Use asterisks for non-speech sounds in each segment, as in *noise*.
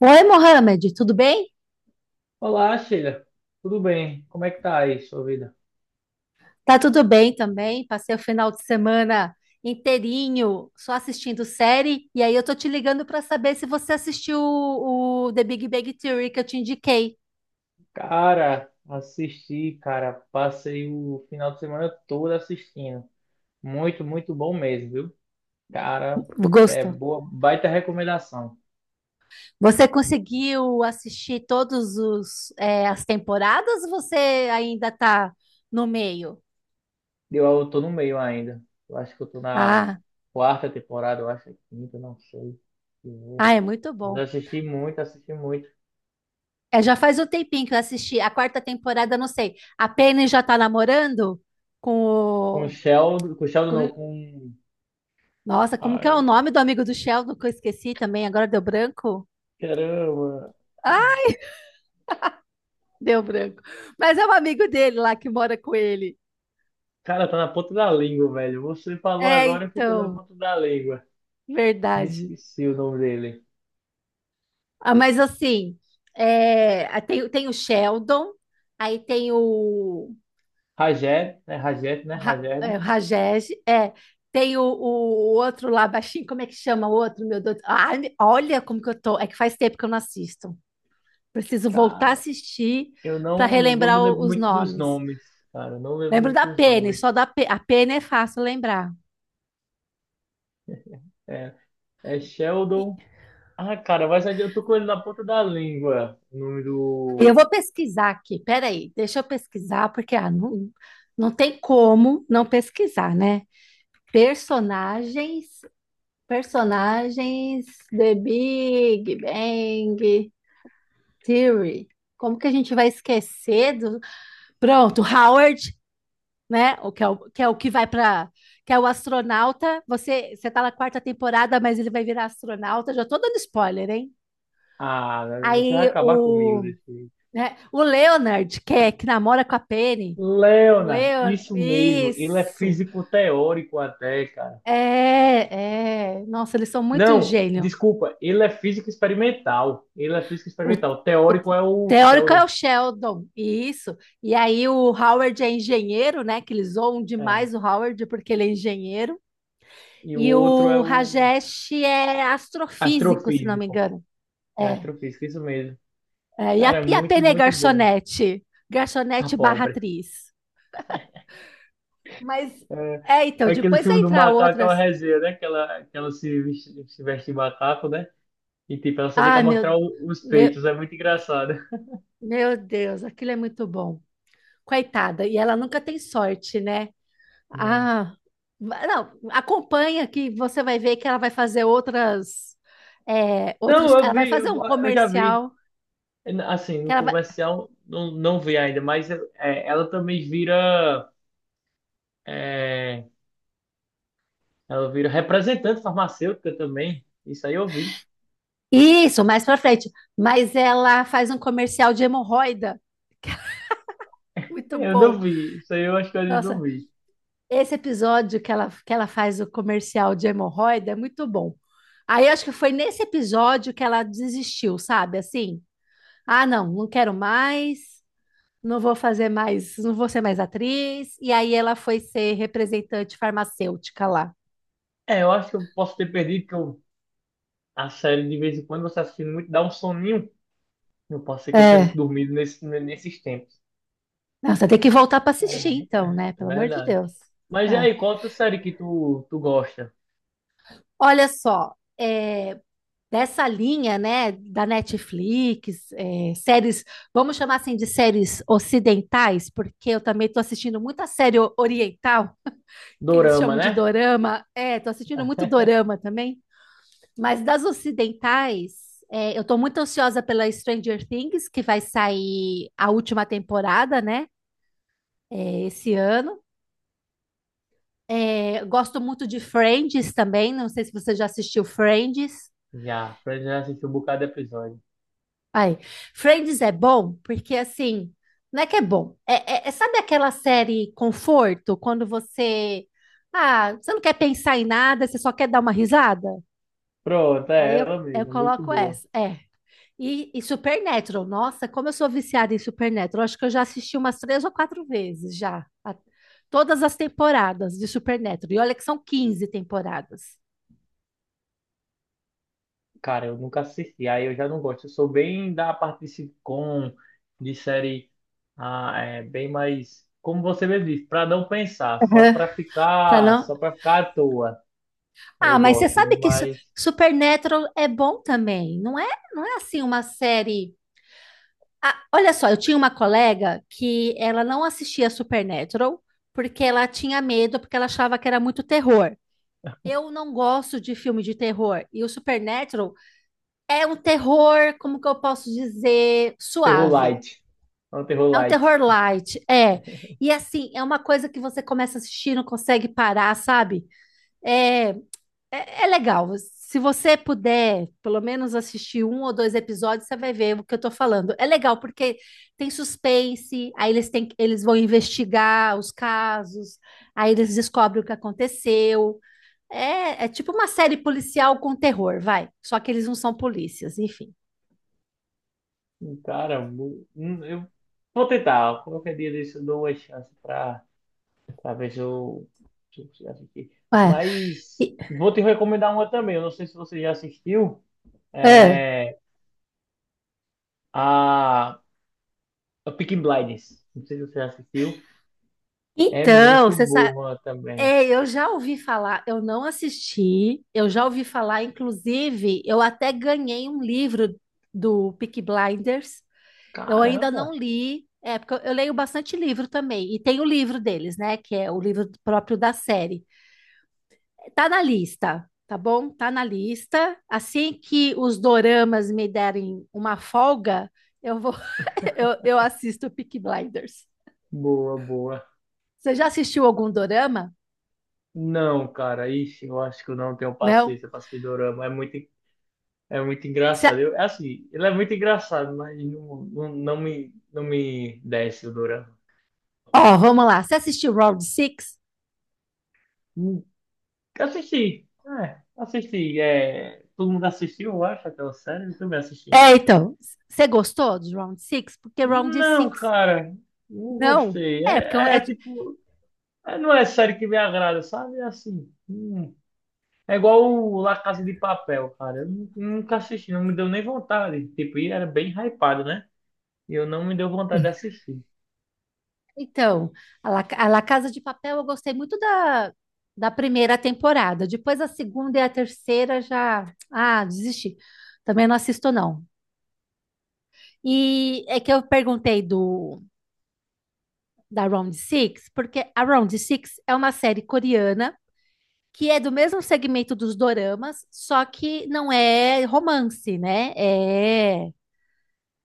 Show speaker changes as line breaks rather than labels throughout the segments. Oi, Mohamed, tudo bem?
Olá, Sheila. Tudo bem? Como é que tá aí sua vida?
Tá tudo bem também. Passei o final de semana inteirinho só assistindo série. E aí eu tô te ligando para saber se você assistiu o The Big Bang Theory que eu te indiquei.
Cara, assisti, cara, passei o final de semana todo assistindo. Muito, muito bom mesmo, viu? Cara, é
Gostou?
boa, baita recomendação.
Você conseguiu assistir todos as temporadas, ou você ainda tá no meio?
Eu tô no meio ainda. Eu acho que eu tô na
Ah,
quarta temporada, eu acho, quinta, não sei.
ah, é muito
Mas eu
bom.
assisti muito, assisti muito.
É, já faz um tempinho que eu assisti a quarta temporada. Não sei. A Penny já tá namorando com o...
Com o Sheldon não, com...
Nossa, como que é o
Ai,
nome do amigo do Sheldon que eu esqueci também? Agora deu branco?
caramba.
Ah, deu branco. Mas é um amigo dele lá que mora com ele.
Cara, tá na ponta da língua, velho. Você falou
É,
agora, e ficou na
então,
ponta da língua. Me
verdade.
esqueci o nome dele.
Ah, mas assim, é, ah, tem o Sheldon, aí tem o,
Rajed, né? Rajed, né? Rajed.
o Rajesh, é, tem o outro lá baixinho, como é que chama o outro, meu Deus? Ah, olha como que eu tô. É que faz tempo que eu não assisto. Preciso voltar a
Cara,
assistir
eu
para
não, não
relembrar
me lembro
os
muito dos
nomes.
nomes, cara. Não lembro
Lembro
muito
da
dos
pene,
nomes.
só da pe... a pene é fácil lembrar.
É, é
E-
Sheldon. Ah, cara, mas eu tô com ele na ponta da língua. O nome
Eu
do.
vou pesquisar aqui, peraí, deixa eu pesquisar, porque ah, não, não tem como não pesquisar, né? Personagens, personagens, The Big Bang Theory. Como que a gente vai esquecer do... Pronto, Howard, né? O que é o que, é o que vai para... Que é o astronauta, você tá na quarta temporada, mas ele vai virar astronauta, já tô dando spoiler, hein?
Ah, né? Você vai
Aí
acabar comigo
o...
desse jeito.
né? O Leonard, que, é, que namora com a Penny. O
Leonard,
Leon...
isso mesmo. Ele é
Isso.
físico teórico até, cara.
É, é. Nossa, eles são muito
Não,
gênio.
desculpa, ele é físico experimental. Ele é físico
O,
experimental.
o
Teórico é o
teórico é
Sheldon.
o Sheldon. Isso. E aí o Howard é engenheiro, né? Que eles zoam demais
É.
o Howard porque ele é engenheiro.
E o
E
outro é
o
o
Rajesh é astrofísico, se não me
astrofísico.
engano.
É
É.
astrofísico, isso mesmo.
É, e a,
Cara, é
e a
muito,
Penny é
muito bom.
garçonete.
A
Garçonete barra
pobre.
atriz. Mas,
É,
é, então,
aquele
depois vai
filme do
entrar
macaco, aquela
outras...
resenha, né? Que ela se veste, se veste de macaco, né? E tipo, ela só tem que
Ah,
mostrar o- os
meu,
peitos. É muito engraçado.
meu Deus, aquilo é muito bom. Coitada, e ela nunca tem sorte, né?
Não.
Ah, não, acompanha que você vai ver que ela vai fazer outras, é, outros,
Não, eu
ela vai
vi,
fazer
eu
um
eu já vi.
comercial
Assim,
que
no
ela vai,
comercial, não, não vi ainda, mas é, ela também vira. É, ela vira representante farmacêutica também. Isso aí eu vi.
isso, mais pra frente, mas ela faz um comercial de hemorroida.
*laughs*
Muito
Eu não
bom.
vi. Isso aí eu acho que eu não
Nossa,
vi.
esse episódio que ela faz o comercial de hemorroida é muito bom. Aí acho que foi nesse episódio que ela desistiu, sabe? Assim. Ah, não, não quero mais, não vou fazer mais, não vou ser mais atriz. E aí ela foi ser representante farmacêutica lá.
É, eu acho que eu posso ter perdido, que eu, a série de vez em quando você assistindo muito, dá um soninho. Eu posso ser que eu tenha
É.
dormido nesse, nesses tempos.
Nossa, tem que voltar para
Mas,
assistir então,
é
né?
é
Pelo amor de
verdade.
Deus.
Mas e
É.
aí, qual outra série que tu gosta?
Olha só, é, dessa linha, né, da Netflix, é, séries, vamos chamar assim de séries ocidentais, porque eu também estou assistindo muita série oriental, que eles
Dorama,
chamam de
né?
dorama. É, estou assistindo muito dorama também. Mas das ocidentais, é, eu estou muito ansiosa pela Stranger Things, que vai sair a última temporada, né? É, esse ano. É, gosto muito de Friends também. Não sei se você já assistiu Friends.
Já, Fred já assistiu um bocado de episódio.
Ai, Friends é bom porque assim, não é que é bom. É, sabe aquela série conforto quando você, ah, você não quer pensar em nada, você só quer dar uma risada?
Pronto, é
Aí
ela
eu
mesmo, muito
coloco
boa.
essa. É. E, e Supernatural, nossa, como eu sou viciada em Supernatural, acho que eu já assisti umas três ou quatro vezes já, todas as temporadas de Supernatural. E olha que são 15 temporadas.
Cara, eu nunca assisti, aí eu já não gosto. Eu sou bem da parte de sitcom, de série, ah, é, bem mais, como você mesmo disse, para não pensar,
Aham. Pra não.
só para ficar à toa.
Ah,
Eu
mas você
gosto,
sabe que
mas
Supernatural é bom também, não é? Não é assim uma série. Ah, olha só, eu tinha uma colega que ela não assistia Supernatural porque ela tinha medo, porque ela achava que era muito terror. Eu não gosto de filme de terror. E o Supernatural é um terror, como que eu posso dizer,
terror
suave.
light, é um terror
É um
light.
terror light, é. E assim, é uma coisa que você começa a assistir, não consegue parar, sabe? É, é, legal. Se você puder, pelo menos assistir um ou dois episódios, você vai ver o que eu tô falando. É legal porque tem suspense, aí eles têm, eles vão investigar os casos, aí eles descobrem o que aconteceu. É, é tipo uma série policial com terror, vai. Só que eles não são polícias, enfim.
Cara, eu vou tentar. Qualquer dia desse eu dou uma chance para ver se eu se eu consigo assistir.
Ué,
Mas
e-
vou te recomendar uma também. Eu não sei se você já assistiu.
é.
É a A Peaky Blinders. Não sei se você já assistiu. É
Então,
muito
você sabe.
boa também.
É, eu já ouvi falar, eu não assisti, eu já ouvi falar, inclusive, eu até ganhei um livro do Peaky Blinders, eu ainda não
Caramba!
li, é, porque eu leio bastante livro também, e tem o livro deles, né, que é o livro próprio da série. Tá na lista, tá bom? Tá na lista. Assim que os doramas me derem uma folga, eu vou, *laughs* eu assisto Peaky Blinders.
Boa, boa.
Você já assistiu algum dorama?
Não, cara, ixi, eu acho que eu não tenho
Não?
paciência para assistir dorama. É muito engraçado. Eu, é assim, ele é muito engraçado, mas não, não, não me desce o dorama.
Ó, vamos lá. Você assistiu Round Six?
Hum, Assisti, é, assisti. É, todo mundo assistiu, eu acho, aquela série, eu também assisti.
É, então. Você gostou de Round Six? Porque Round
Não,
Six
cara, não
não.
gostei.
É, porque é
É,
é
é tipo, é, não é série que me agrada, sabe? É assim, hum. É igual o La Casa de Papel, cara. Eu nu- nunca assisti, não me deu nem vontade. Tipo, e era bem hypado, né? E eu não me deu vontade de assistir.
então, a La Casa de Papel eu gostei muito da, da primeira temporada. Depois a segunda e a terceira já, ah, desisti. Também não assisto não. E é que eu perguntei do da Round Six porque a Round Six é uma série coreana que é do mesmo segmento dos doramas, só que não é romance, né? É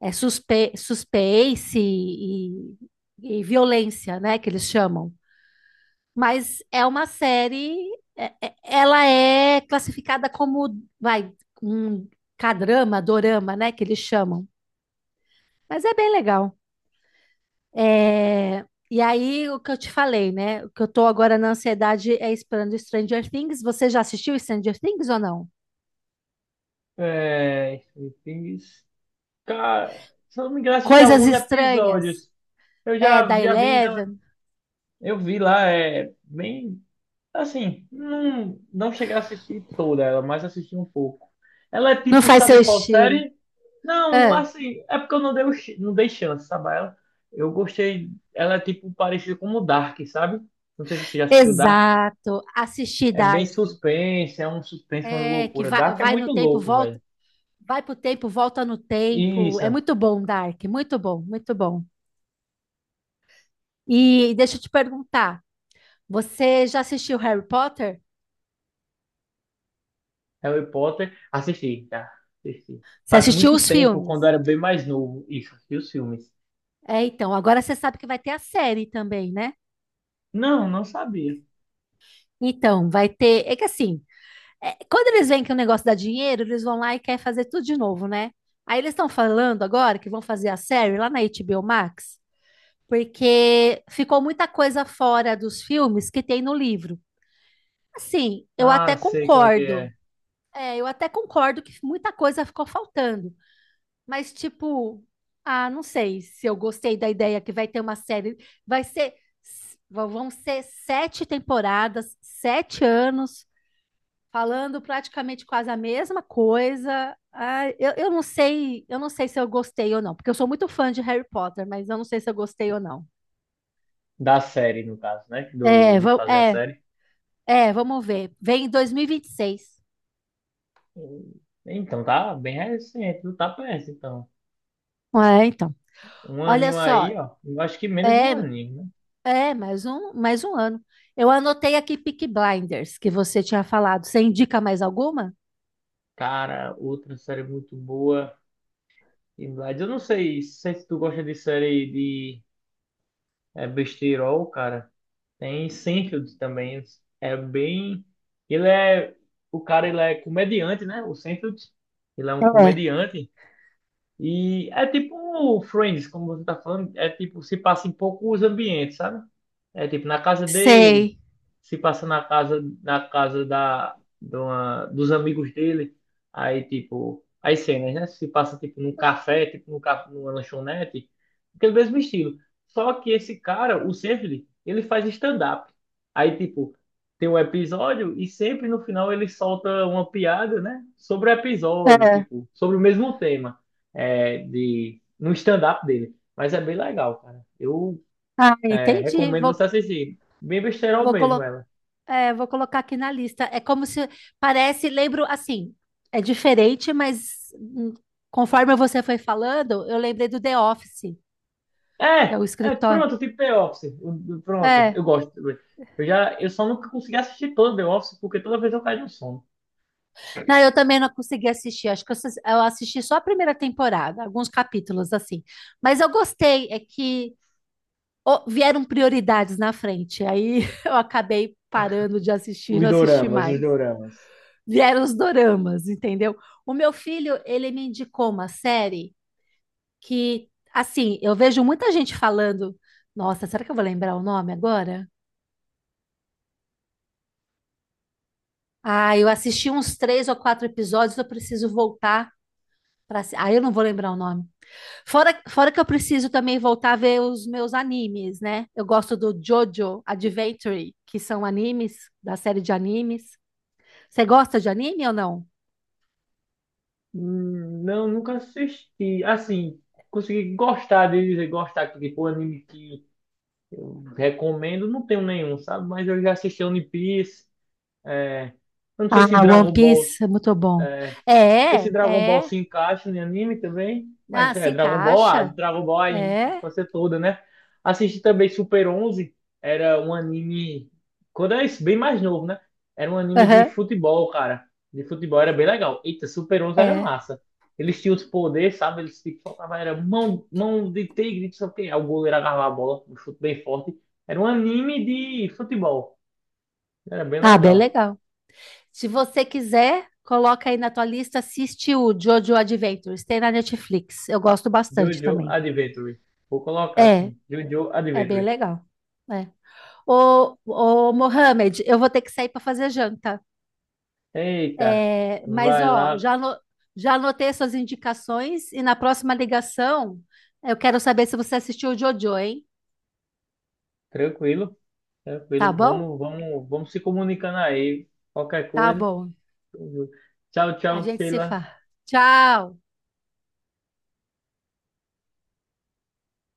é, suspense e violência, né, que eles chamam. Mas é uma série, ela é classificada como, vai, um cadrama, dorama, né, que eles chamam. Mas é bem legal. É, e aí, o que eu te falei, né, o que eu tô agora na ansiedade é esperando Stranger Things. Você já assistiu Stranger Things ou não?
É, Stranger Things. Cara, se eu não me engano, assisti
Coisas
alguns
Estranhas.
episódios. Eu
É,
já,
da
já vi, não,
Eleven.
eu vi lá, é bem, assim, não, não cheguei a assistir toda ela, mas assisti um pouco. Ela é
Não
tipo,
faz seu
sabe qual
estilo.
série? Não,
É.
assim, é porque eu não dei, o ch- não dei chance, sabe? A ela, eu gostei. Ela é tipo parecida com o Dark, sabe? Não sei se você já assistiu Dark.
Exato, assistir
É bem
Dark.
suspense, é um suspense, uma
É, que
loucura.
vai,
Dark é
vai no
muito
tempo,
louco,
volta,
velho.
vai pro tempo, volta no tempo. É
Isso,
muito bom, Dark, muito bom, muito bom. E deixa eu te perguntar, você já assistiu Harry Potter?
Harry Potter. Assisti, tá? Assisti.
Você
Faz
assistiu
muito
os
tempo,
filmes?
quando eu era bem mais novo. Isso, assisti os filmes.
É, então, agora você sabe que vai ter a série também, né?
Não, não sabia.
Então, vai ter. É que assim, é, quando eles veem que o negócio dá dinheiro, eles vão lá e querem fazer tudo de novo, né? Aí eles estão falando agora que vão fazer a série lá na HBO Max, porque ficou muita coisa fora dos filmes que tem no livro. Assim, eu até
Ah, sei qual é que
concordo.
é.
É, eu até concordo que muita coisa ficou faltando, mas tipo, ah, não sei se eu gostei da ideia que vai ter uma série, vai ser vão ser sete temporadas, sete anos falando praticamente quase a mesma coisa. Ah, eu não sei se eu gostei ou não, porque eu sou muito fã de Harry Potter, mas eu não sei se eu gostei ou não.
Da série, no caso, né?
É,
Do, de fazer a
é,
série.
É, vamos ver. Vem em 2026.
Então, tá bem recente, não tá perto, então.
É, então.
Um
Olha
aninho
só,
aí, ó. Eu acho que menos de
é,
um aninho, né?
é mais um ano. Eu anotei aqui Peaky Blinders, que você tinha falado. Você indica mais alguma?
Cara, outra série muito boa. E Blades, eu não sei, sei se tu gosta de série de besteirol, cara. Tem Seinfeld também. É bem. Ele é. O cara, ele é comediante, né? O Seinfeld. Ele é um
É.
comediante. E é tipo Friends, como você tá falando, é tipo, se passa em poucos ambientes, sabe? É tipo na casa dele,
Sei.
se passa na casa da, de uma- dos amigos dele, aí tipo, as cenas, né? Se passa tipo num café, tipo num, ca- numa lanchonete, aquele mesmo estilo. Só que esse cara, o Seinfeld, ele faz stand-up. Aí tipo, tem um episódio e sempre no final ele solta uma piada, né? Sobre o episódio,
É.
tipo, sobre o mesmo tema de, no stand-up dele. Mas é bem legal, cara. Eu
Ah, entendi.
recomendo você
Vou,
assistir. Bem besterol
vou,
mesmo
colo
ela.
vou colocar aqui na lista. É como se parece, lembro assim, é diferente, mas conforme você foi falando, eu lembrei do The Office, que é
É,
o
é
escritório.
pronto, tipo The Office. Pronto, eu gosto. Eu só nunca consegui assistir todo The Office porque toda vez eu caio no sono.
Não, eu também não consegui assistir. Acho que eu assisti só a primeira temporada, alguns capítulos assim. Mas eu gostei, é que ó, vieram prioridades na frente. Aí *laughs* eu acabei parando de assistir,
Os
não assisti
doramas, os
mais.
doramas.
Vieram os doramas, entendeu? O meu filho, ele me indicou uma série que, assim, eu vejo muita gente falando. Nossa, será que eu vou lembrar o nome agora? Ah, eu assisti uns três ou quatro episódios, eu preciso voltar para. Ah, eu não vou lembrar o nome. Fora que eu preciso também voltar a ver os meus animes, né? Eu gosto do JoJo Adventure, que são animes, da série de animes. Você gosta de anime ou não?
Não, nunca assisti. Assim, consegui gostar de dizer gostar, porque tipo, anime que eu recomendo, não tenho nenhum, sabe? Mas eu já assisti One Piece. É, eu não sei se
Ah, One
Dragon Ball.
Piece é muito bom.
Não sei se
É,
Dragon Ball
é.
se encaixa em anime também,
Ah,
mas
se
é Dragon Ball, ah,
encaixa.
Dragon Ball é a
É.
infância toda, né? Assisti também Super Onze, era um anime, quando eu era bem mais novo, né? Era um anime de
Aham,
futebol, cara. De futebol era bem legal. Eita, Super Onze era
é.
massa. Eles tinham os poderes, sabe? Eles tipo, soltavam, era mão, mão de tigre, não sei o quê. Aí o goleiro agarrava a bola, um chute bem forte. Era um anime de futebol. Era bem
Ah, bem
legal.
legal. Se você quiser, coloca aí na tua lista, assiste o JoJo Adventures, tem na Netflix. Eu gosto bastante
JoJo
também.
Adventure. Vou colocar
É,
assim, JoJo
é bem
Adventure.
legal. É. Ô, Mohamed, eu vou ter que sair para fazer janta.
Eita,
É, mas,
vai
ó,
lá,
já, já anotei suas indicações e na próxima ligação eu quero saber se você assistiu o Jojo, hein?
tranquilo,
Tá
tranquilo.
bom?
Vamos, vamos, vamos se comunicando aí. Qualquer
Tá
coisa.
bom.
Tchau,
A
tchau,
gente se
Sheila.
fala. Tchau!